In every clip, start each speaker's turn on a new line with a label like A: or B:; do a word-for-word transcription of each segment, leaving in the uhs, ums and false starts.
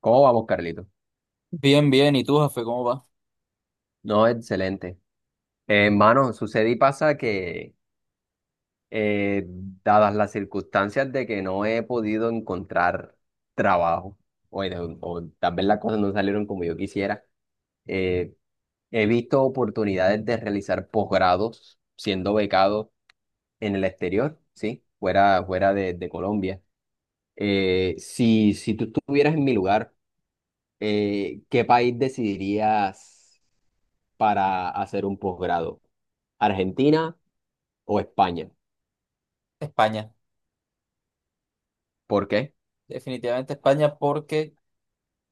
A: ¿Cómo vamos, Carlito?
B: Bien, bien. ¿Y tú, jefe, cómo va?
A: No, excelente. Eh, Hermano, sucede y pasa que, eh, dadas las circunstancias de que no he podido encontrar trabajo, o, en- o tal vez las cosas no salieron como yo quisiera. eh, He visto oportunidades de realizar posgrados siendo becado en el exterior, ¿sí? Fuera, fuera de, de Colombia. Eh, si, si tú estuvieras en mi lugar, eh, ¿qué país decidirías para hacer un posgrado? ¿Argentina o España?
B: España.
A: ¿Por qué?
B: Definitivamente España porque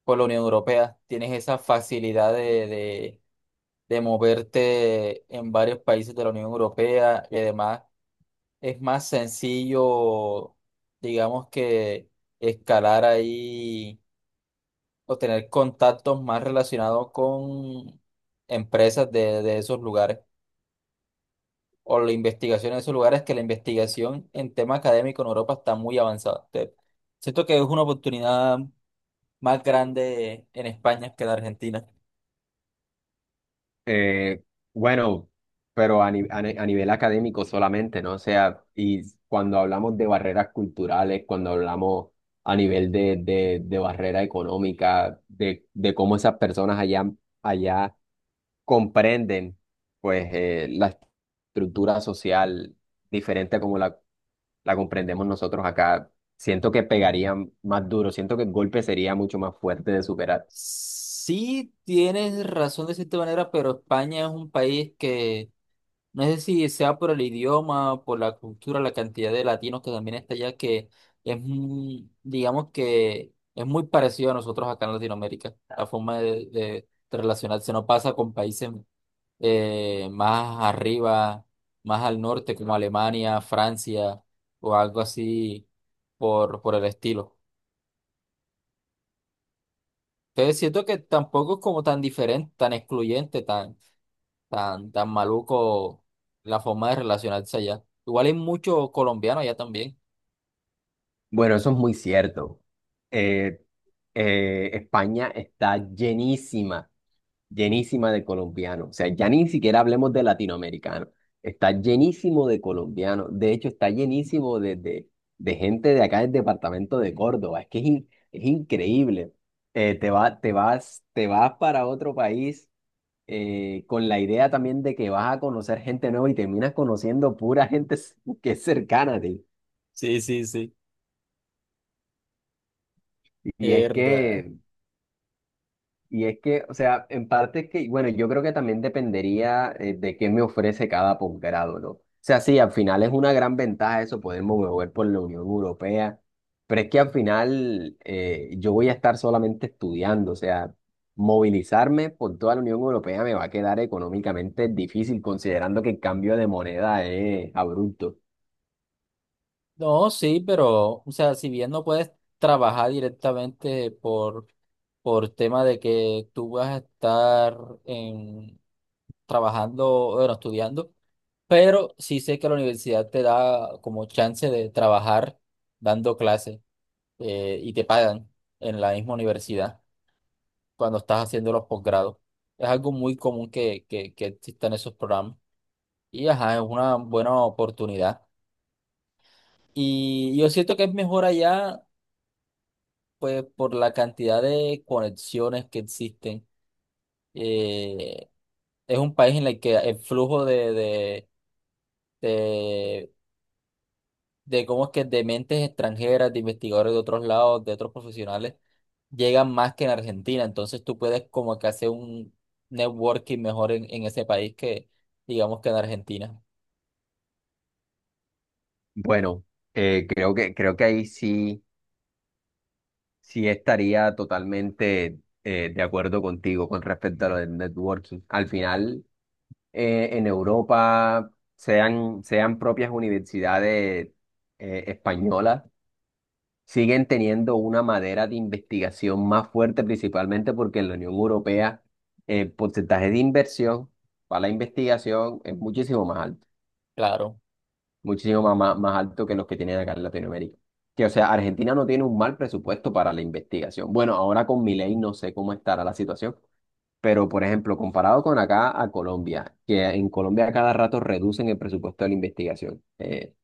B: con la Unión Europea tienes esa facilidad de, de, de moverte en varios países de la Unión Europea y además es más sencillo, digamos que escalar ahí o tener contactos más relacionados con empresas de, de esos lugares, o la investigación en esos lugares, que la investigación en tema académico en Europa está muy avanzada. Te- siento que es una oportunidad más grande en España que en Argentina.
A: Eh, bueno, pero a, ni- a ni- a nivel académico solamente, ¿no? O sea, y cuando hablamos de barreras culturales, cuando hablamos a nivel de, de, de barrera económica, de, de cómo esas personas allá, allá comprenden, pues, eh, la estructura social diferente como la la comprendemos nosotros acá. Siento que pegaría más duro, siento que el golpe sería mucho más fuerte de superar.
B: Sí, tienes razón de cierta manera, pero España es un país que no sé si sea por el idioma, por la cultura, la cantidad de latinos que también está allá, que es, muy- digamos que es muy parecido a nosotros acá en Latinoamérica, la forma de, de de relacionarse. No pasa con países eh, más arriba, más al norte, como Alemania, Francia o algo así por, por el estilo. Entonces siento que tampoco es como tan diferente, tan excluyente, tan, tan, tan maluco la forma de relacionarse allá. Igual hay muchos colombianos allá también.
A: Bueno, eso es muy cierto. Eh, eh, España está llenísima, llenísima de colombianos. O sea, ya ni siquiera hablemos de latinoamericanos. Está llenísimo de colombianos. De hecho, está llenísimo de, de, de gente de acá del departamento de Córdoba. Es que es, in- es increíble. Eh, te va, te vas, te vas para otro país, eh, con la idea también de que vas a conocer gente nueva y terminas conociendo pura gente s- que es cercana a ti.
B: Sí, sí, sí.
A: Y es
B: verdad.
A: que, y es que, o sea, en parte es que, bueno, yo creo que también dependería eh, de qué me ofrece cada posgrado, ¿no? O sea, sí, al final es una gran ventaja eso, poderme mover por la Unión Europea, pero es que al final, eh, yo voy a estar solamente estudiando. O sea, movilizarme por toda la Unión Europea me va a quedar económicamente difícil, considerando que el cambio de moneda es abrupto.
B: No, sí, pero, o sea, si bien no puedes trabajar directamente por, por tema de que tú vas a estar en, trabajando, bueno, estudiando, pero sí sé que la universidad te da como chance de trabajar dando clases, eh, y te pagan en la misma universidad cuando estás haciendo los posgrados. Es algo muy común que, que, que existan esos programas, y ajá, es una buena oportunidad. Y yo siento que es mejor allá pues por la cantidad de conexiones que existen. eh, es un país en el que el flujo de, de, de, de cómo es que de mentes extranjeras, de investigadores de otros lados, de otros profesionales, llegan más que en Argentina. Entonces tú puedes como que hacer un networking mejor en, en ese país que digamos que en Argentina.
A: Bueno, eh, creo que, creo que ahí sí, sí estaría totalmente eh, de acuerdo contigo con respecto a lo del networking. Al final, eh, en Europa, sean, sean propias universidades eh, españolas, siguen teniendo una madera de investigación más fuerte, principalmente porque en la Unión Europea eh, el porcentaje de inversión para la investigación es muchísimo más alto.
B: Claro,
A: Muchísimo más más más, alto que los que tienen acá en Latinoamérica. Que, o sea, Argentina no tiene un mal presupuesto para la investigación. Bueno, ahora con Milei no sé cómo estará la situación, pero por ejemplo, comparado con acá a Colombia, que en Colombia a cada rato reducen el presupuesto de la investigación. Eh,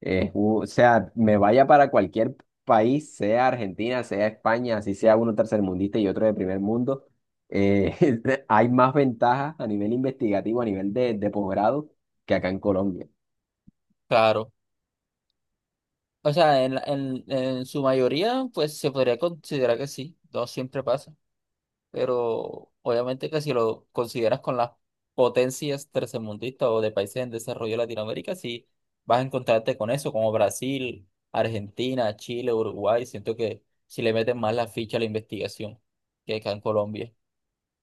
A: es u- O sea, me vaya para cualquier país, sea Argentina, sea España, así sea uno tercermundista y otro de primer mundo, eh, hay más ventajas a nivel investigativo, a nivel de, de posgrado, que acá en Colombia.
B: claro. O sea, en, la- en, en su mayoría, pues se podría considerar que sí. No siempre pasa, pero obviamente que si lo consideras con las potencias tercermundistas o de países en desarrollo de Latinoamérica, sí vas a encontrarte con eso, como Brasil, Argentina, Chile, Uruguay, siento que si le meten más la ficha a la investigación que acá en Colombia.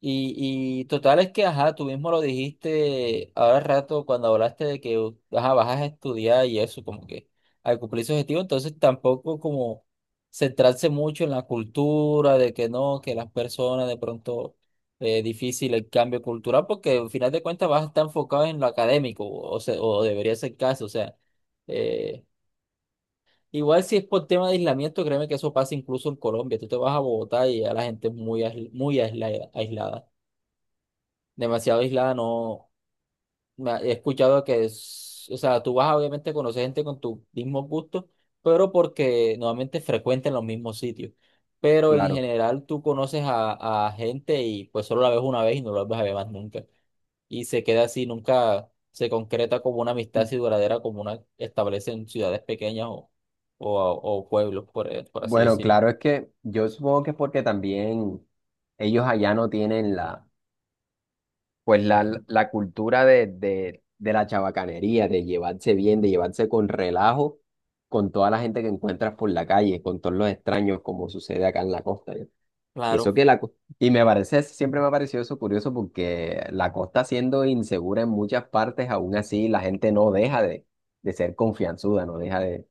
B: Y, y total es que, ajá, tú mismo lo dijiste ahora al rato cuando hablaste de que, ajá, vas a estudiar y eso, como que al cumplir su objetivo, entonces tampoco como centrarse mucho en la cultura, de que no, que las personas de pronto es difícil el cambio cultural, porque al final de cuentas vas a estar enfocado en lo académico, o, se- o debería ser el caso, o sea, eh, igual si es por tema de aislamiento, créeme que eso pasa incluso en Colombia. Tú te vas a Bogotá y ya la gente es muy, aisl- muy aisla- aislada, demasiado aislada, no. Me ha- he escuchado que es, o sea, tú vas a, obviamente, a conocer gente con tus mismos gustos, pero porque normalmente frecuentan los mismos sitios. Pero en
A: Claro.
B: general tú conoces a, a gente y pues solo la ves una vez y no la vas a ver más nunca. Y se queda así, nunca se concreta como una amistad así duradera como una establece en ciudades pequeñas o, o, o pueblos, por, eh, por así
A: Bueno,
B: decirlo.
A: claro, es que yo supongo que es porque también ellos allá no tienen la, pues la, la cultura de, de, de la chabacanería, de llevarse bien, de llevarse con relajo con toda la gente que encuentras por la calle, con todos los extraños, como sucede acá en la costa, ¿ya? Y eso
B: Claro.
A: que la, co- Y me parece, siempre me ha parecido eso curioso porque la costa siendo insegura en muchas partes, aún así la gente no deja de, de ser confianzuda, no deja de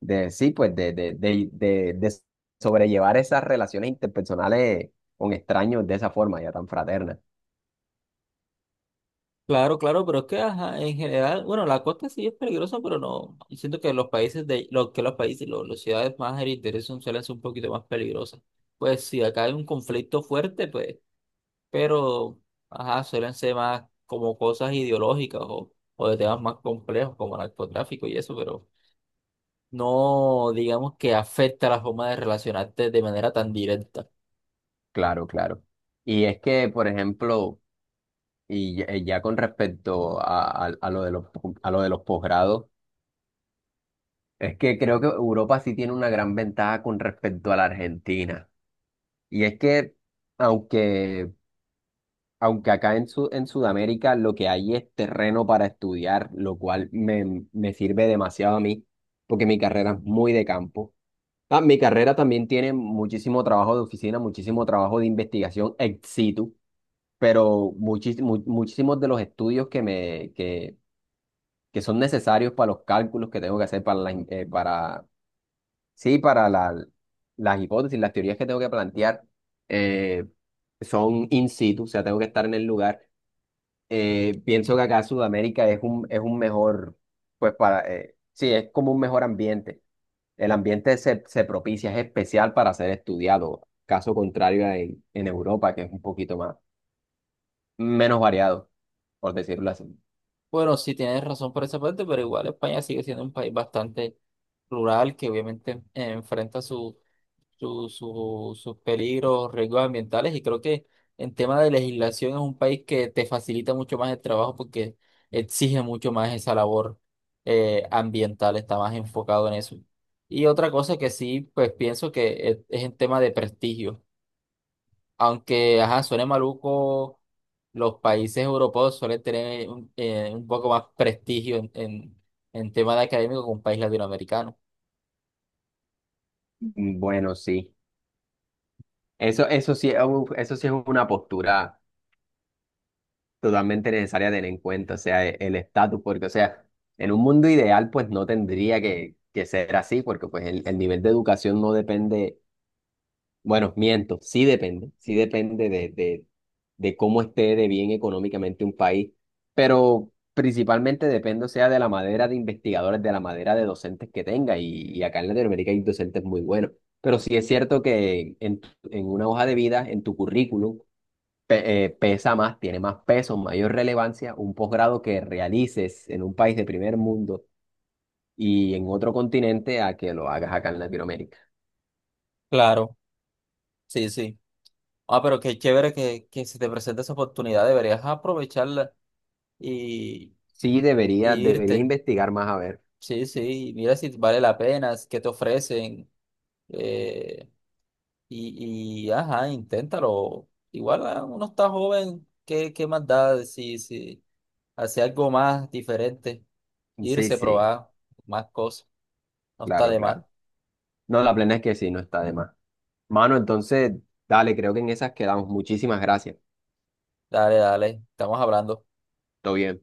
A: de sí, pues de, de, de, de, de sobrellevar esas relaciones interpersonales con extraños de esa forma, ya tan fraterna.
B: Claro, claro, pero es que ajá, en general, bueno, la costa sí es peligrosa, pero no, yo siento que los países de, lo que los países, lo- las ciudades más heridas son suelen ser un poquito más peligrosas. Pues si acá hay un conflicto fuerte, pues, pero ajá, suelen ser más como cosas ideológicas o, o de temas más complejos como narcotráfico y eso, pero no digamos que afecta la forma de relacionarte de manera tan directa.
A: Claro, claro. Y es que, por ejemplo, y ya, eh, ya con respecto a, a, a lo de los, po- a lo de los posgrados, es que creo que Europa sí tiene una gran ventaja con respecto a la Argentina. Y es que, aunque aunque acá en, Su- en Sudamérica lo que hay es terreno para estudiar, lo cual me, me sirve demasiado a mí, porque mi carrera es muy de campo. Ah, mi carrera también tiene muchísimo trabajo de oficina, muchísimo trabajo de investigación ex situ, pero muchis- mu- muchísimos de los estudios que, me, que, que son necesarios para los cálculos que tengo que hacer, para, la in- eh, para, sí, para la- las hipótesis, las teorías que tengo que plantear, eh, son in situ. O sea, tengo que estar en el lugar. Eh, pienso que acá Sudamérica es un, es un mejor, pues para, eh, sí, es como un mejor ambiente. El ambiente se, se propicia, es especial para ser estudiado, caso contrario a en, en Europa, que es un poquito más, menos variado, por decirlo así.
B: Bueno, sí tienes razón por esa parte, pero igual España sigue siendo un país bastante rural que obviamente eh, enfrenta su, su- su- sus peligros, riesgos ambientales, y creo que en tema de legislación es un país que te facilita mucho más el trabajo porque exige mucho más esa labor, eh, ambiental, está más enfocado en eso. Y otra cosa que sí, pues pienso que es, es en tema de prestigio. Aunque, ajá, suene maluco, los países europeos suelen tener un, eh, un poco más prestigio en, en, en tema de académico que un país latinoamericano.
A: Mm, bueno, sí. Eso, eso sí, es un- eso sí es una postura totalmente necesaria tener en cuenta, o sea, e- el estatus. Porque, o sea, en un mundo ideal, pues no tendría que, que ser así, porque pues el, el nivel de educación no depende. Bueno, miento, sí depende, sí depende de, de, de cómo esté de bien económicamente un país, pero principalmente depende, o sea, de la madera de investigadores, de la madera de docentes que tenga. Y, y acá en Latinoamérica hay docentes muy buenos, pero sí es cierto que en, tu- en una hoja de vida, en tu currículum, pe- eh, pesa más, tiene más peso, mayor relevancia un posgrado que realices en un país de primer mundo y en otro continente a que lo hagas acá en Latinoamérica.
B: Claro, sí, sí. Ah, pero qué chévere que, que se te presente esa oportunidad, deberías aprovecharla y,
A: Sí,
B: y
A: debería, debería
B: irte.
A: investigar más a ver.
B: Sí, sí, mira si vale la pena, qué te ofrecen. eh, y, y, ajá, inténtalo. Igual ah, uno está joven, ¿qué, qué más da? si si hacer algo más diferente.
A: Sí,
B: Irse,
A: sí,
B: probar más cosas. No está
A: claro,
B: de más.
A: claro. No, la plena es que sí, no está de más. Mano, entonces, dale, creo que en esas quedamos. Muchísimas gracias.
B: Dale, dale, estamos hablando.
A: Todo bien.